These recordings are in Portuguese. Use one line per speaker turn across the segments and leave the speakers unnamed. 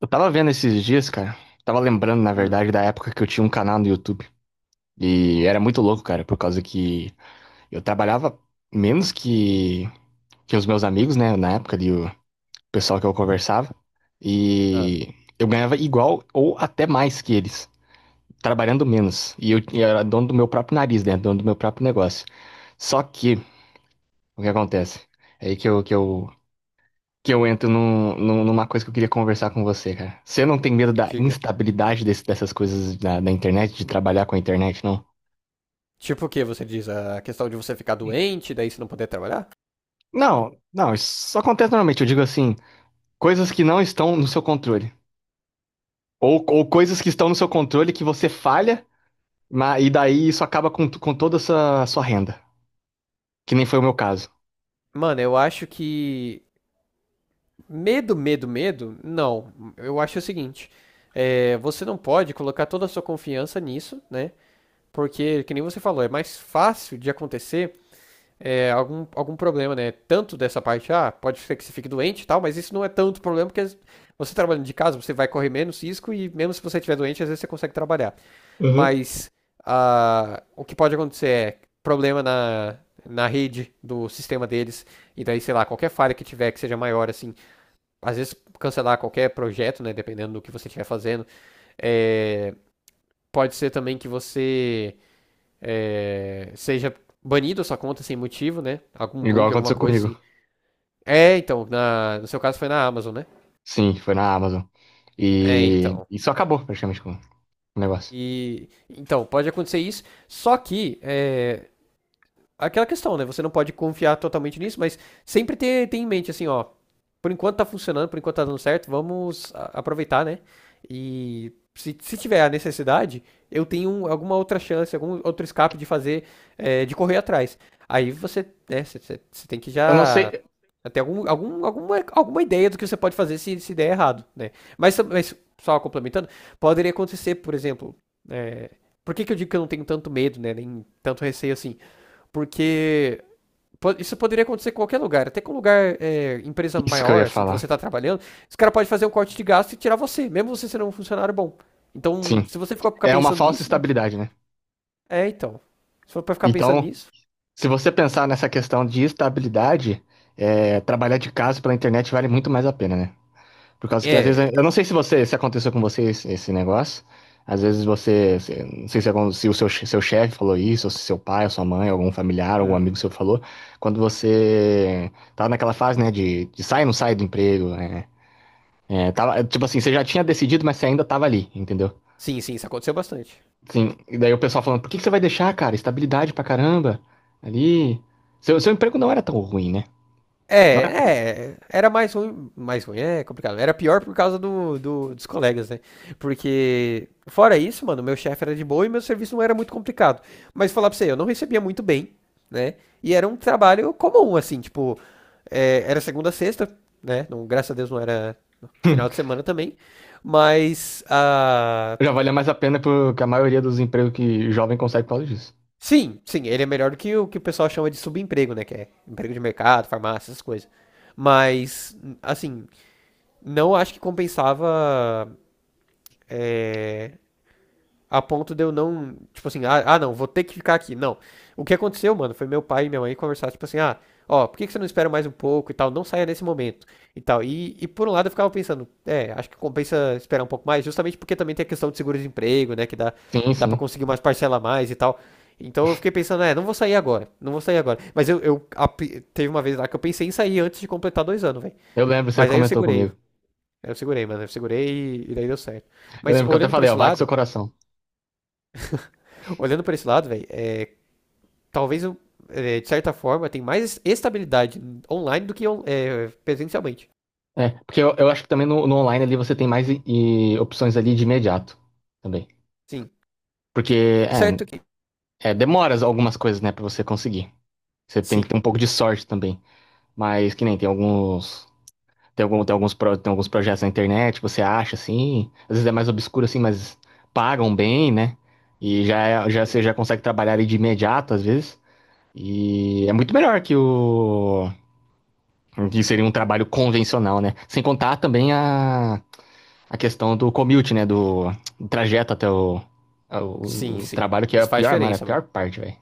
Eu tava vendo esses dias, cara. Tava lembrando, na
Hum.
verdade, da época que eu tinha um canal no YouTube. E era muito louco, cara, por causa que eu trabalhava menos que os meus amigos, né? Na época ali, o pessoal que eu conversava.
ah,
E eu ganhava igual ou até mais que eles, trabalhando menos. E eu era dono do meu próprio nariz, né? Dono do meu próprio negócio. Só que, o que acontece? É aí que eu entro numa coisa que eu queria conversar com você, cara. Você não tem medo da
Diga.
instabilidade dessas coisas da internet, de trabalhar com a internet, não?
Tipo o que você diz? A questão de você ficar doente, daí você não poder trabalhar?
Não, não, isso acontece normalmente. Eu digo assim, coisas que não estão no seu controle. Ou coisas que estão no seu controle que você falha, e daí isso acaba com toda a sua renda. Que nem foi o meu caso.
Mano, eu acho que. Medo, medo, medo? Não. Eu acho o seguinte: você não pode colocar toda a sua confiança nisso, né? Porque, que nem você falou, é mais fácil de acontecer algum problema, né? Tanto dessa parte, pode ser que você fique doente e tal, mas isso não é tanto problema, porque você trabalhando de casa, você vai correr menos risco e mesmo se você estiver doente, às vezes você consegue trabalhar.
Uhum.
Mas o que pode acontecer é problema na rede do sistema deles, e daí, sei lá, qualquer falha que tiver que seja maior, assim, às vezes cancelar qualquer projeto, né, dependendo do que você estiver fazendo, é, pode ser também que você seja banido a sua conta sem motivo, né? Algum
Igual
bug, alguma
aconteceu
coisa
comigo.
assim. É, então, no seu caso foi na Amazon, né?
Sim, foi na Amazon.
É,
E
então.
isso acabou praticamente com o negócio.
E então pode acontecer isso, só que é aquela questão, né? Você não pode confiar totalmente nisso, mas sempre ter em mente assim, ó, por enquanto tá funcionando, por enquanto tá dando certo, vamos aproveitar, né? E se tiver a necessidade, eu tenho alguma outra chance, algum outro escape de fazer, de correr atrás. Aí você, né, você tem que
Eu não
já
sei.
ter alguma ideia do que você pode fazer se der errado, né? Mas só complementando, poderia acontecer, por exemplo, é, por que que eu digo que eu não tenho tanto medo, né, nem tanto receio assim? Porque isso poderia acontecer em qualquer lugar, até com um lugar, empresa
Isso que eu ia
maior, assim, que
falar.
você tá trabalhando, os caras podem fazer um corte de gasto e tirar você, mesmo você sendo um funcionário bom. Então,
Sim.
se você ficar
É uma
pensando
falsa
nisso, né?
estabilidade, né?
É, então. Se for pra ficar pensando
Então,
nisso.
se você pensar nessa questão de estabilidade, trabalhar de casa pela internet vale muito mais a pena, né? Por causa que às vezes, eu
É.
não sei se você, se aconteceu com você esse negócio, às vezes você, não sei se, se o seu chefe falou isso, ou se seu pai, ou sua mãe, algum familiar, algum
hum,
amigo seu falou, quando você tava naquela fase, né, de sai ou não sai do emprego, né? É, tava, tipo assim, você já tinha decidido, mas você ainda tava ali, entendeu?
Sim, sim, isso aconteceu bastante.
Sim, e daí o pessoal falando, por que que você vai deixar, cara? Estabilidade pra caramba. Ali. Seu emprego não era tão ruim, né?
É,
Não era?
é, era mais ruim, é complicado. Era pior por causa dos colegas, né? Porque, fora isso, mano, meu chefe era de boa e meu serviço não era muito complicado. Mas falar pra você, eu não recebia muito bem, né? E era um trabalho comum, assim, tipo, era segunda a sexta, né? Não, graças a Deus não era final de semana também. Mas,
Já valia mais a pena porque a maioria dos empregos que jovem consegue por causa disso.
sim, sim, ele é melhor do que o pessoal chama de subemprego, né? Que é emprego de mercado, farmácia, essas coisas. Mas, assim, não acho que compensava é, a ponto de eu não, tipo assim, não, vou ter que ficar aqui. Não. O que aconteceu, mano, foi meu pai e minha mãe conversar, tipo assim, ó, por que que você não espera mais um pouco e tal, não saia nesse momento e tal. E por um lado eu ficava pensando, acho que compensa esperar um pouco mais, justamente porque também tem a questão de seguro-desemprego, né, que dá,
Sim,
dá pra
sim.
conseguir umas parcelas a mais e tal. Então eu fiquei pensando, não vou sair agora, não vou sair agora. Mas teve uma vez lá que eu pensei em sair antes de completar 2 anos, velho.
Eu lembro, você
Mas aí eu
comentou
segurei.
comigo.
Eu segurei, mano. Eu segurei e daí deu certo.
Eu
Mas
lembro que eu até
olhando por
falei, ó,
esse
vai com seu
lado,
coração.
olhando por esse lado, velho, talvez eu, de certa forma, tem mais estabilidade online do que presencialmente.
É, porque eu acho que também no online ali você tem mais e opções ali de imediato também.
Sim.
Porque,
Tá certo que.
é, demora algumas coisas, né, pra você conseguir. Você tem que
Sim.
ter um pouco de sorte também. Mas que nem tem alguns Tem alguns projetos na internet que você acha assim, às vezes é mais obscuro assim, mas pagam bem, né? E já, já você já consegue trabalhar ali de imediato às vezes. E é muito melhor que o que seria um trabalho convencional, né? Sem contar também a questão do commute, né? Do trajeto até o,
Sim,
o, o
sim. Sim.
trabalho, que é a
Isso faz
pior, mano, é a
diferença, mano.
pior parte, velho.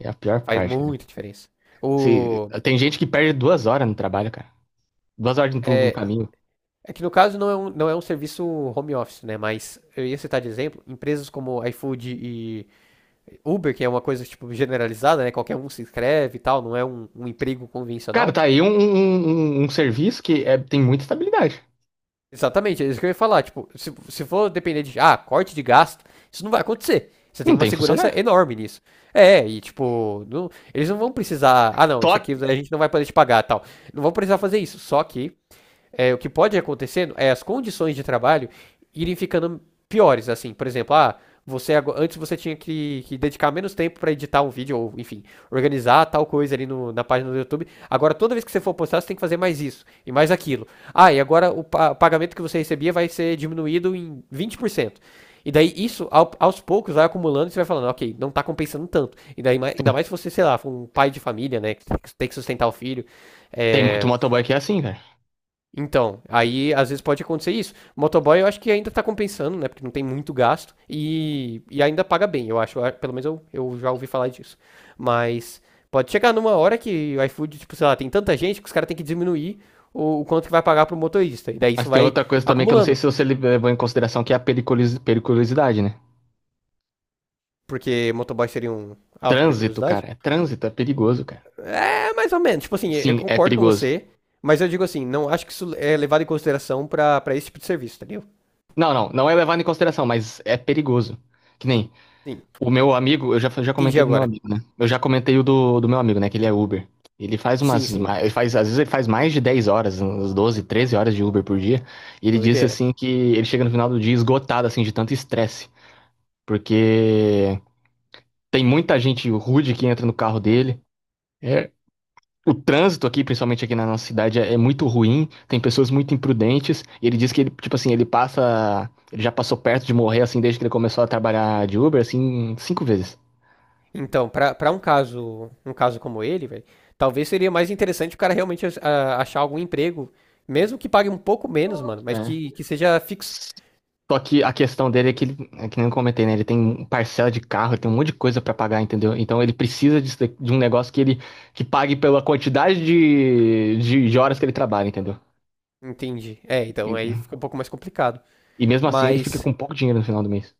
É a pior
Faz
parte, né?
muita diferença.
Se,
O.
tem gente que perde 2 horas no trabalho, cara. 2 horas no
É,
caminho.
é que no caso não é um serviço home office, né? Mas eu ia citar de exemplo, empresas como iFood e Uber, que é uma coisa tipo generalizada, né? Qualquer um se inscreve e tal, não é um emprego
Cara,
convencional.
tá aí um serviço que tem muita estabilidade.
Exatamente, é isso que eu ia falar. Tipo, se for depender de, corte de gasto, isso não vai acontecer. Você tem
Não
uma
tem
segurança
funcionário.
enorme nisso. É, e tipo, eles não vão precisar, ah não, isso
Só
aqui a gente não vai poder te pagar, tal. Não vão precisar fazer isso. Só que o que pode acontecer é as condições de trabalho irem ficando piores, assim, por exemplo, ah, você antes você tinha que dedicar menos tempo para editar um vídeo ou enfim organizar tal coisa ali na página do YouTube. Agora, toda vez que você for postar, você tem que fazer mais isso e mais aquilo. Ah, e agora o pagamento que você recebia vai ser diminuído em 20%, e daí isso aos poucos vai acumulando e você vai falando: ok, não tá compensando tanto. E daí, ainda mais se você, sei lá, for um pai de família, né, que tem que sustentar o filho,
tem muito
é,
motoboy que é assim, velho.
então, aí às vezes pode acontecer isso. O motoboy eu acho que ainda tá compensando, né? Porque não tem muito gasto e ainda paga bem, eu acho. Ah, pelo menos eu já ouvi falar disso. Mas pode chegar numa hora que o iFood, tipo, sei lá, tem tanta gente que os caras têm que diminuir o quanto que vai pagar pro motorista. E daí
Mas
isso
tem
vai
outra coisa também que eu não sei
acumulando.
se você levou em consideração, que é a periculosidade, né?
Porque motoboy seria um alto pra
Trânsito,
curiosidade?
cara. É trânsito, é perigoso, cara.
É, mais ou menos. Tipo assim, eu
Sim, é
concordo com
perigoso.
você, mas eu digo assim, não acho que isso é levado em consideração pra, esse tipo de serviço, entendeu?
Não, não, não é levado em consideração, mas é perigoso. Que nem
Sim.
O meu amigo, eu já
Entendi
comentei do meu
agora.
amigo, né? Eu já comentei o do meu amigo, né? Que ele é Uber.
Sim, sim.
Ele faz, às vezes ele faz mais de 10 horas, uns 12 13 horas de Uber por dia. E ele disse
Doideira.
assim que ele chega no final do dia esgotado, assim, de tanto estresse. Porque tem muita gente rude que entra no carro dele. É, o trânsito aqui, principalmente aqui na nossa cidade, é muito ruim. Tem pessoas muito imprudentes. E ele disse que ele, tipo assim, ele passa. Ele já passou perto de morrer, assim, desde que ele começou a trabalhar de Uber, assim, 5 vezes.
Então, pra um caso como ele, velho, talvez seria mais interessante o cara realmente achar algum emprego, mesmo que pague um pouco menos, mano, mas
É.
que seja fixo.
Só que a questão dele é que ele, é que nem eu comentei, né? Ele tem parcela de carro, ele tem um monte de coisa pra pagar, entendeu? Então ele precisa de um negócio que pague pela quantidade de horas que ele trabalha, entendeu?
Entendi. É, então aí
E,
fica um pouco mais complicado.
e mesmo assim ele fica
Mas,
com pouco dinheiro no final do mês.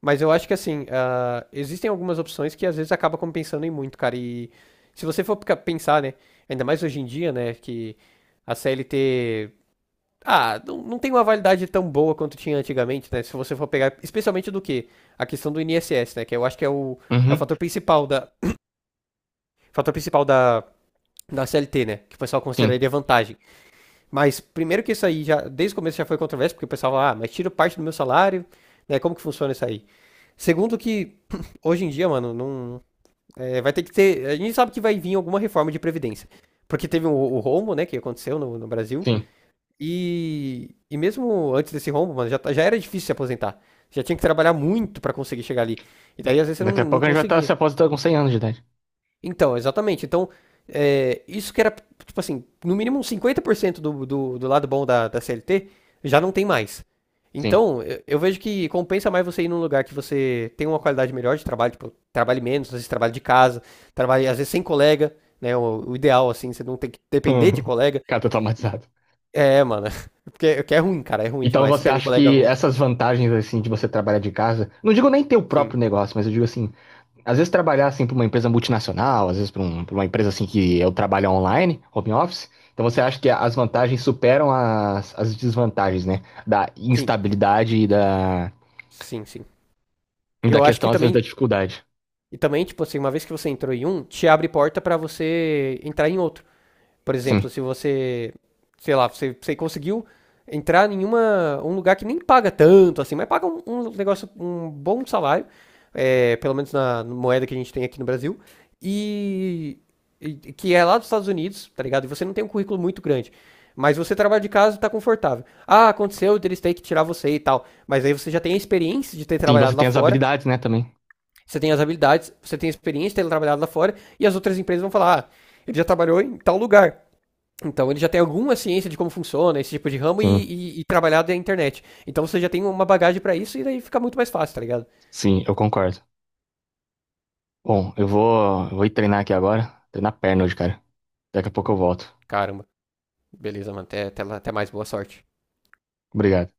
mas eu acho que assim, existem algumas opções que às vezes acaba compensando em muito, cara. E se você for pensar, né, ainda mais hoje em dia, né, que a CLT. Não, não tem uma validade tão boa quanto tinha antigamente, né? Se você for pegar, especialmente do que? A questão do INSS, né? Que eu acho que é o
Uhum.
fator principal fator principal da, da CLT, né? Que o pessoal
Sim,
consideraria vantagem. Mas primeiro que isso aí já, desde o começo já foi controverso, porque o pessoal fala, mas tiro parte do meu salário, né? Como que funciona isso aí? Segundo que hoje em dia, mano, não é, vai ter que ter, a gente sabe que vai vir alguma reforma de previdência, porque teve o rombo, né? Que aconteceu no Brasil.
sim.
E mesmo antes desse rombo, mano, já era difícil se aposentar. Já tinha que trabalhar muito pra conseguir chegar ali. E daí, às vezes, você
Daqui a
não
pouco a gente vai estar se
conseguia.
aposentando com 100 anos de idade.
Então, exatamente. Então, isso que era, tipo assim, no mínimo uns 50% do lado bom da CLT, já não tem mais.
Sim.
Então, eu vejo que compensa mais você ir num lugar que você tem uma qualidade melhor de trabalho, tipo, trabalhe menos, às vezes trabalhe de casa, trabalhe, às vezes, sem colega, né? O ideal, assim, você não tem que depender de colega.
Cara, tô traumatizado.
É, mano. Porque é ruim, cara, é ruim
Então
demais. Você
você
tem um
acha
colega
que
ruim.
essas vantagens assim de você trabalhar de casa, não digo nem ter o
Sim,
próprio negócio, mas eu digo assim, às vezes trabalhar assim para uma empresa multinacional, às vezes para uma empresa assim que eu trabalho online, home office. Então você acha que as vantagens superam as desvantagens, né? Da
sim,
instabilidade e da,
sim, sim.
e
E
da
eu acho que
questão, às vezes,
também,
da dificuldade.
e também, tipo assim, uma vez que você entrou em um, te abre porta pra você entrar em outro. Por exemplo,
Sim.
se você, sei lá, você conseguiu entrar em uma, um lugar que nem paga tanto assim, mas paga um negócio, um bom salário, pelo menos na moeda que a gente tem aqui no Brasil, e, e que é lá dos Estados Unidos, tá ligado? E você não tem um currículo muito grande. Mas você trabalha de casa e tá confortável. Ah, aconteceu, eles têm que tirar você e tal. Mas aí você já tem a experiência de ter
Sim, você
trabalhado lá
tem as
fora,
habilidades, né, também.
você tem as habilidades, você tem a experiência de ter trabalhado lá fora, e as outras empresas vão falar, ele já trabalhou em tal lugar, então ele já tem alguma ciência de como funciona esse tipo de ramo e,
Sim,
e, e trabalhar da internet. Então você já tem uma bagagem pra isso e daí fica muito mais fácil, tá ligado?
sim, eu concordo. Bom, eu vou ir treinar aqui agora. Treinar perna hoje, cara. Daqui a pouco eu volto.
Caramba, beleza, mano. Até mais, boa sorte.
Obrigado.